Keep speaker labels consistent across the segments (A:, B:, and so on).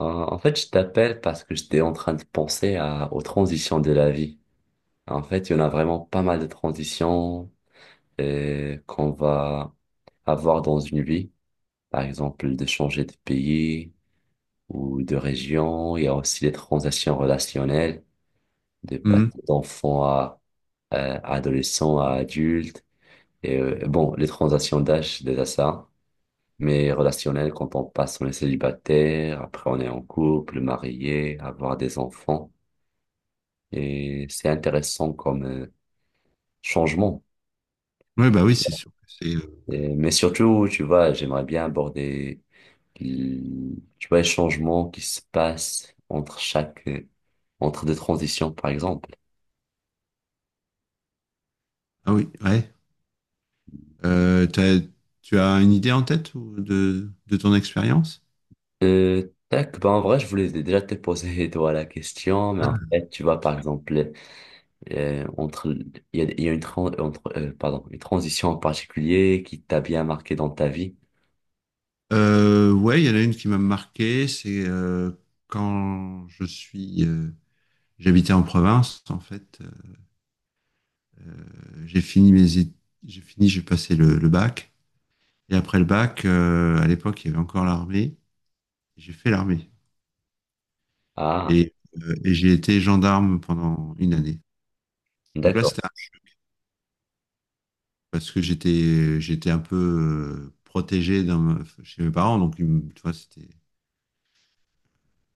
A: En fait, je t'appelle parce que j'étais en train de penser à, aux transitions de la vie. En fait, il y en a vraiment pas mal de transitions qu'on va avoir dans une vie. Par exemple, de changer de pays ou de région. Il y a aussi les transitions relationnelles, de passer
B: Mhm.
A: d'enfant à, adolescent à adulte. Et bon, les transitions d'âge, c'est déjà ça. Mais relationnelles, quand on passe, on est célibataire, après on est en couple, marié, avoir des enfants. Et c'est intéressant comme changement.
B: Ouais, bah oui, c'est sûr. Que C'est,
A: Mais surtout, tu vois, j'aimerais bien aborder, tu vois, les changements qui se passent entre chaque, entre deux transitions, par exemple.
B: ah oui, ouais. Euh, t'as- Tu as une idée en tête ou de ton expérience?
A: Tac, ben en vrai, je voulais déjà te poser, toi, la question, mais en fait, tu vois, par exemple, entre, il y a une, entre, pardon, une transition en particulier qui t'a bien marqué dans ta vie.
B: Ouais, il y en a une qui m'a marqué, c'est quand j'habitais en province, en fait, euh, j'ai fini j'ai fini, j'ai passé le bac, et après le bac, à l'époque, il y avait encore l'armée, j'ai fait l'armée,
A: Ah,
B: et, et j'ai été gendarme pendant une année. Donc là,
A: d'accord.
B: c'était parce que j'étais un peu protégé chez mes parents. Donc, tu vois, c'était...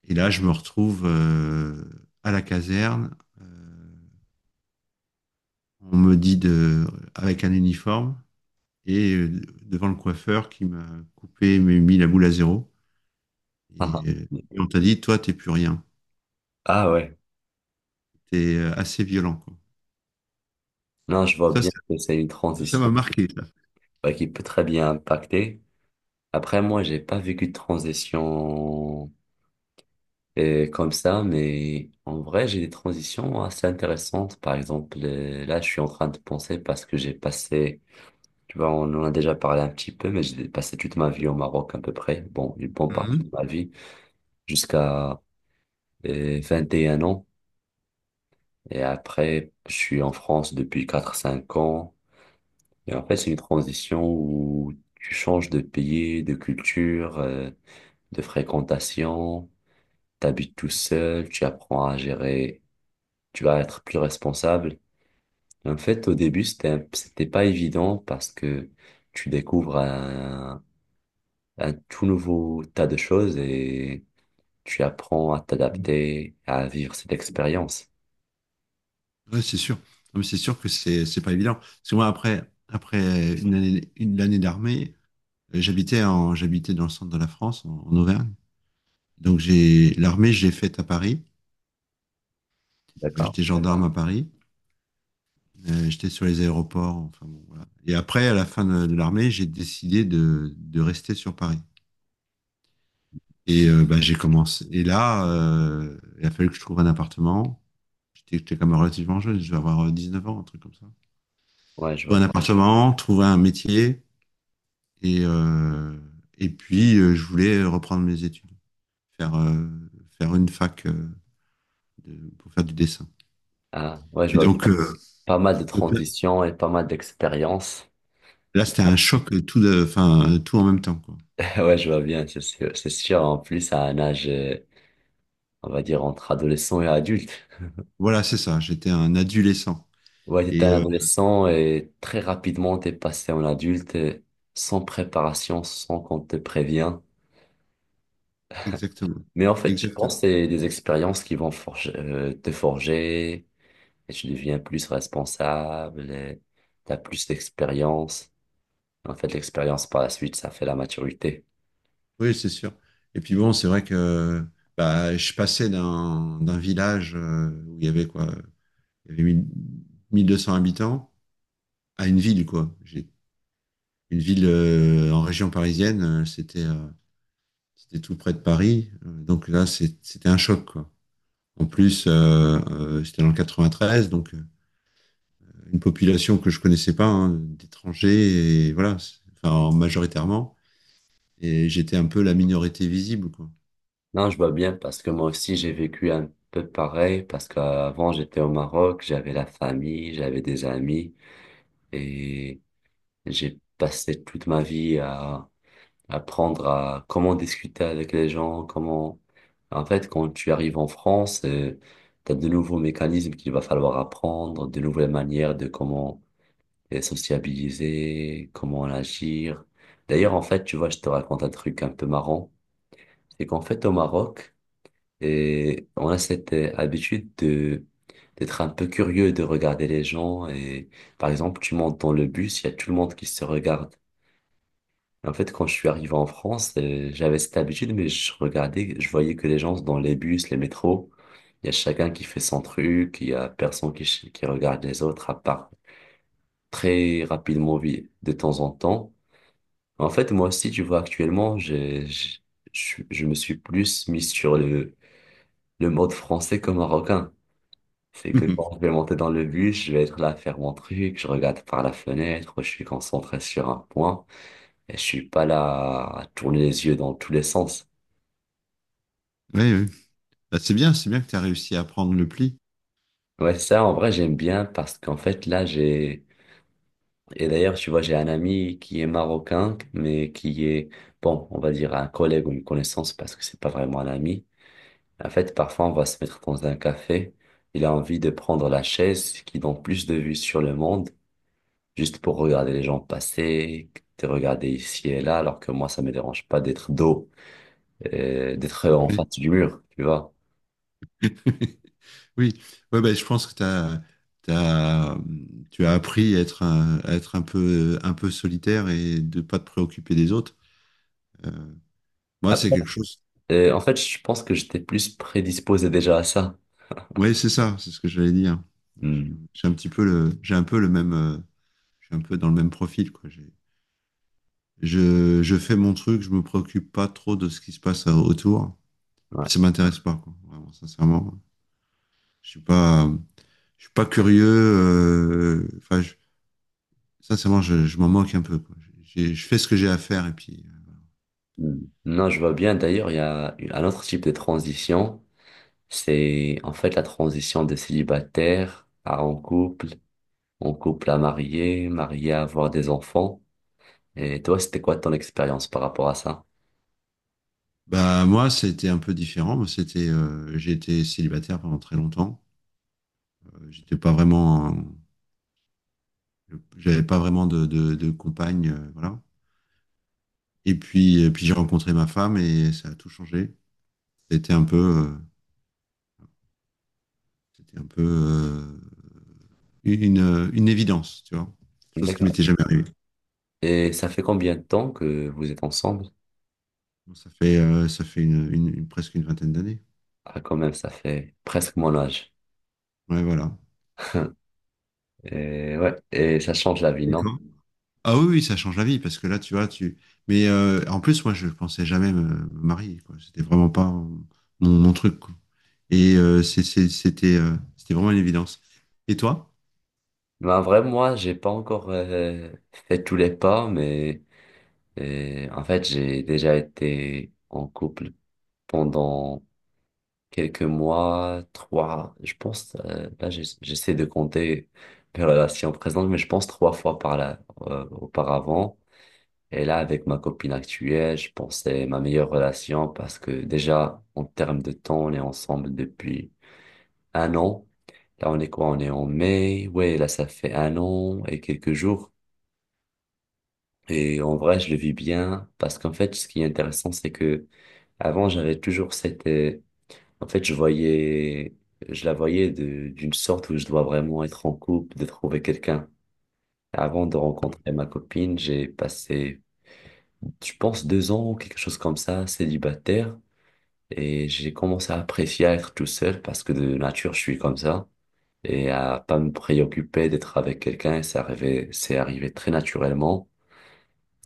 B: Et là, je me retrouve à la caserne, euh, on me dit avec un uniforme et devant le coiffeur qui m'a coupé, m'a mis la boule à zéro. Et on t'a dit, toi, t'es plus rien.
A: Ah ouais.
B: T'es assez violent, quoi.
A: Non, je
B: Donc
A: vois
B: ça,
A: bien que c'est une
B: ça m'a
A: transition.
B: marqué, ça.
A: Bah, qui peut très bien impacter. Après, moi, j'ai pas vécu de transition comme ça, mais en vrai, j'ai des transitions assez intéressantes. Par exemple, là, je suis en train de penser parce que j'ai passé, tu vois, on en a déjà parlé un petit peu, mais j'ai passé toute ma vie au Maroc à peu près. Bon, une bonne
B: Mhm.
A: partie de ma vie jusqu'à 21 ans. Et après, je suis en France depuis quatre cinq ans. Et en fait, c'est une transition où tu changes de pays, de culture, de fréquentation, t'habites tout seul, tu apprends à gérer, tu vas être plus responsable. En fait, au début, c'était pas évident parce que tu découvres un tout nouveau tas de choses et tu apprends à t'adapter, à vivre cette expérience.
B: Ouais, c'est sûr. Non, mais c'est sûr que c'est pas évident. Parce que moi, après, après une année, d'armée, j'habitais dans le centre de la France, en Auvergne. Donc, l'armée, j'ai faite à Paris.
A: D'accord.
B: J'étais gendarme à Paris. J'étais sur les aéroports. Enfin, bon, voilà. Et après, à la fin de l'armée, j'ai décidé de rester sur Paris. Et bah, j'ai commencé. Et là, il a fallu que je trouve un appartement. J'étais quand même relativement jeune, je vais avoir 19 ans, un truc comme ça.
A: Ouais, je vois.
B: Trouver un appartement, trouver un métier. Et, euh, et puis, je voulais reprendre mes études, faire, euh, faire une fac pour faire du dessin.
A: Ah, ouais, je
B: Et
A: vois pas mal de
B: donc
A: transitions et pas mal d'expériences.
B: là, c'était un choc, tout, tout en même temps, quoi.
A: Ouais, je vois bien, c'est sûr. C'est sûr, en plus, à un âge, on va dire, entre adolescent et adulte.
B: Voilà, c'est ça, j'étais un adolescent.
A: Ouais, t'étais
B: Et
A: un
B: euh,
A: adolescent et très rapidement t'es passé en adulte et sans préparation, sans qu'on te prévient.
B: exactement,
A: Mais en fait, je pense
B: Exactement.
A: que c'est des expériences qui vont forger, te forger et tu deviens plus responsable et t'as plus d'expérience. En fait, l'expérience par la suite, ça fait la maturité.
B: Oui, c'est sûr. Et puis bon, c'est vrai que bah, je passais d'un village où il y avait quoi, il y avait 1000 1200 habitants à une ville, quoi. J'ai Une ville en région parisienne, c'était tout près de Paris. Donc là, c'était un choc, quoi. En plus, c'était dans le 93, donc une population que je connaissais pas, hein, d'étrangers et voilà, enfin majoritairement. Et j'étais un peu la minorité visible, quoi.
A: Non, je vois bien parce que moi aussi j'ai vécu un peu pareil parce qu'avant j'étais au Maroc, j'avais la famille, j'avais des amis et j'ai passé toute ma vie à apprendre à comment discuter avec les gens, comment... En fait, quand tu arrives en France, t'as de nouveaux mécanismes qu'il va falloir apprendre, de nouvelles manières de comment sociabiliser, comment agir. D'ailleurs, en fait, tu vois, je te raconte un truc un peu marrant. C'est qu'en fait, au Maroc, et on a cette habitude de d'être un peu curieux, de regarder les gens. Et par exemple, tu montes dans le bus, il y a tout le monde qui se regarde. En fait, quand je suis arrivé en France, j'avais cette habitude, mais je regardais, je voyais que les gens dans les bus, les métros, il y a chacun qui fait son truc, il y a personne qui regarde les autres, à part très rapidement de temps en temps. En fait, moi aussi, tu vois, actuellement, je me suis plus mis sur le mode français que marocain. C'est que quand je vais monter dans le bus, je vais être là à faire mon truc, je regarde par la fenêtre, je suis concentré sur un point et je suis pas là à tourner les yeux dans tous les sens.
B: Oui, oui. Bah, c'est bien que tu as réussi à prendre le pli.
A: Ouais, ça, en vrai, j'aime bien parce qu'en fait, là, et d'ailleurs, tu vois, j'ai un ami qui est marocain, mais qui est, bon, on va dire un collègue ou une connaissance parce que c'est pas vraiment un ami. En fait, parfois, on va se mettre dans un café, il a envie de prendre la chaise qui donne plus de vue sur le monde, juste pour regarder les gens passer, te regarder ici et là, alors que moi, ça me dérange pas d'être dos, d'être en face
B: Oui,
A: du mur, tu vois.
B: oui. Ouais, bah, je pense que t'as, tu as appris à être à être un peu solitaire et de pas te préoccuper des autres. Euh, Moi, c'est
A: Après,
B: quelque chose.
A: en fait, je pense que j'étais plus prédisposé déjà à ça.
B: Oui, c'est ça, c'est ce que j'allais dire. J'ai
A: Hmm,
B: j'ai un petit peu j'ai un peu le même, je suis un peu dans le même profil, quoi. Je fais mon truc, je me préoccupe pas trop de ce qui se passe autour. Et puis
A: ouais.
B: ça m'intéresse pas, quoi. Vraiment, sincèrement. Je suis pas, je suis pas curieux. Sincèrement, je m'en moque un peu, quoi. Je fais ce que j'ai à faire et puis.
A: Hmm. Non, je vois bien. D'ailleurs, il y a une- un autre type de transition. C'est en fait la transition de célibataire à en couple à marié, marié à avoir des enfants. Et toi, c'était quoi ton expérience par rapport à ça?
B: Bah moi, c'était un peu différent. Moi, c'était, j'ai été célibataire pendant très longtemps. J'étais pas j'avais pas vraiment de compagne, voilà. Et puis, j'ai rencontré ma femme et ça a tout changé. C'était un peu, euh, c'était un peu euh, une, évidence, tu vois, chose qui
A: D'accord.
B: m'était jamais arrivée.
A: Et ça fait combien de temps que vous êtes ensemble?
B: Bon, ça fait presque une vingtaine d'années.
A: Ah, quand même, ça fait presque mon âge.
B: Ouais, voilà.
A: Et ouais, et ça change la vie,
B: Et
A: non?
B: toi? Ah oui, oui, ça change la vie parce que là, tu vois, tu. Mais en plus, moi, je pensais jamais me marier, quoi. C'était vraiment pas mon truc, quoi. Et c'était vraiment une évidence. Et toi?
A: Mais en vrai, moi, j'ai pas encore fait tous les pas, mais en fait, j'ai déjà été en couple pendant quelques mois, trois, je pense, là, j'essaie de compter mes relations présentes, mais je pense trois fois par là, auparavant. Et là, avec ma copine actuelle, je pense que c'est ma meilleure relation parce que déjà, en termes de temps, on est ensemble depuis un an. Là, on est quoi? On est en mai. Ouais, là, ça fait un an et quelques jours. Et en vrai, je le vis bien parce qu'en fait, ce qui est intéressant, c'est que avant, j'avais toujours cette, en fait, je voyais, je la voyais de- d'une sorte où je dois vraiment être en couple, de trouver quelqu'un. Avant de rencontrer ma copine, j'ai passé, je pense, deux ans, quelque chose comme ça, célibataire. Et j'ai commencé à apprécier à être tout seul parce que de nature, je suis comme ça. Et à pas me préoccuper d'être avec quelqu'un, c'est arrivé très naturellement.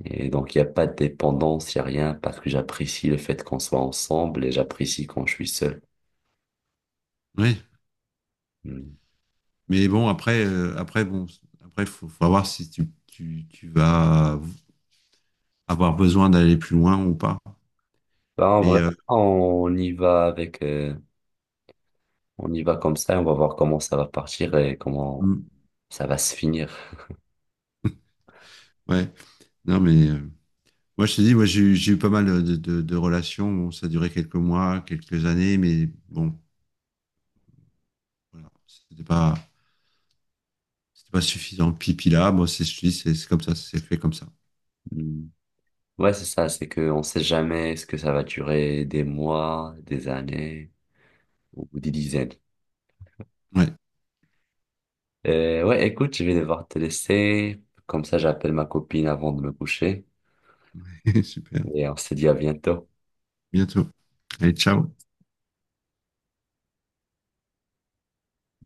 A: Et donc, il n'y a pas de dépendance, il n'y a rien parce que j'apprécie le fait qu'on soit ensemble et j'apprécie quand je suis seul.
B: Oui.
A: Hmm.
B: Mais bon, après, faut voir si tu vas avoir besoin d'aller plus loin ou pas.
A: Bah, en vrai,
B: Mais
A: on y va avec, euh, on y va comme ça et on va voir comment ça va partir et comment
B: mm,
A: ça va se finir.
B: ouais, non, mais Moi, je te dis, moi, j'ai eu pas mal de relations. Bon, ça a duré quelques mois, quelques années, mais bon. Voilà. C'était pas suffisant. Pipi là, moi, c'est, je te dis, c'est comme ça, c'est fait comme ça.
A: Hmm. Ouais, c'est ça, c'est qu'on ne sait jamais ce que ça va durer, des mois, des années ou des dizaines.
B: Ouais,
A: Ouais, écoute, je vais devoir te laisser. Comme ça, j'appelle ma copine avant de me coucher.
B: super.
A: Et on se dit à bientôt.
B: Bientôt. Allez, ciao.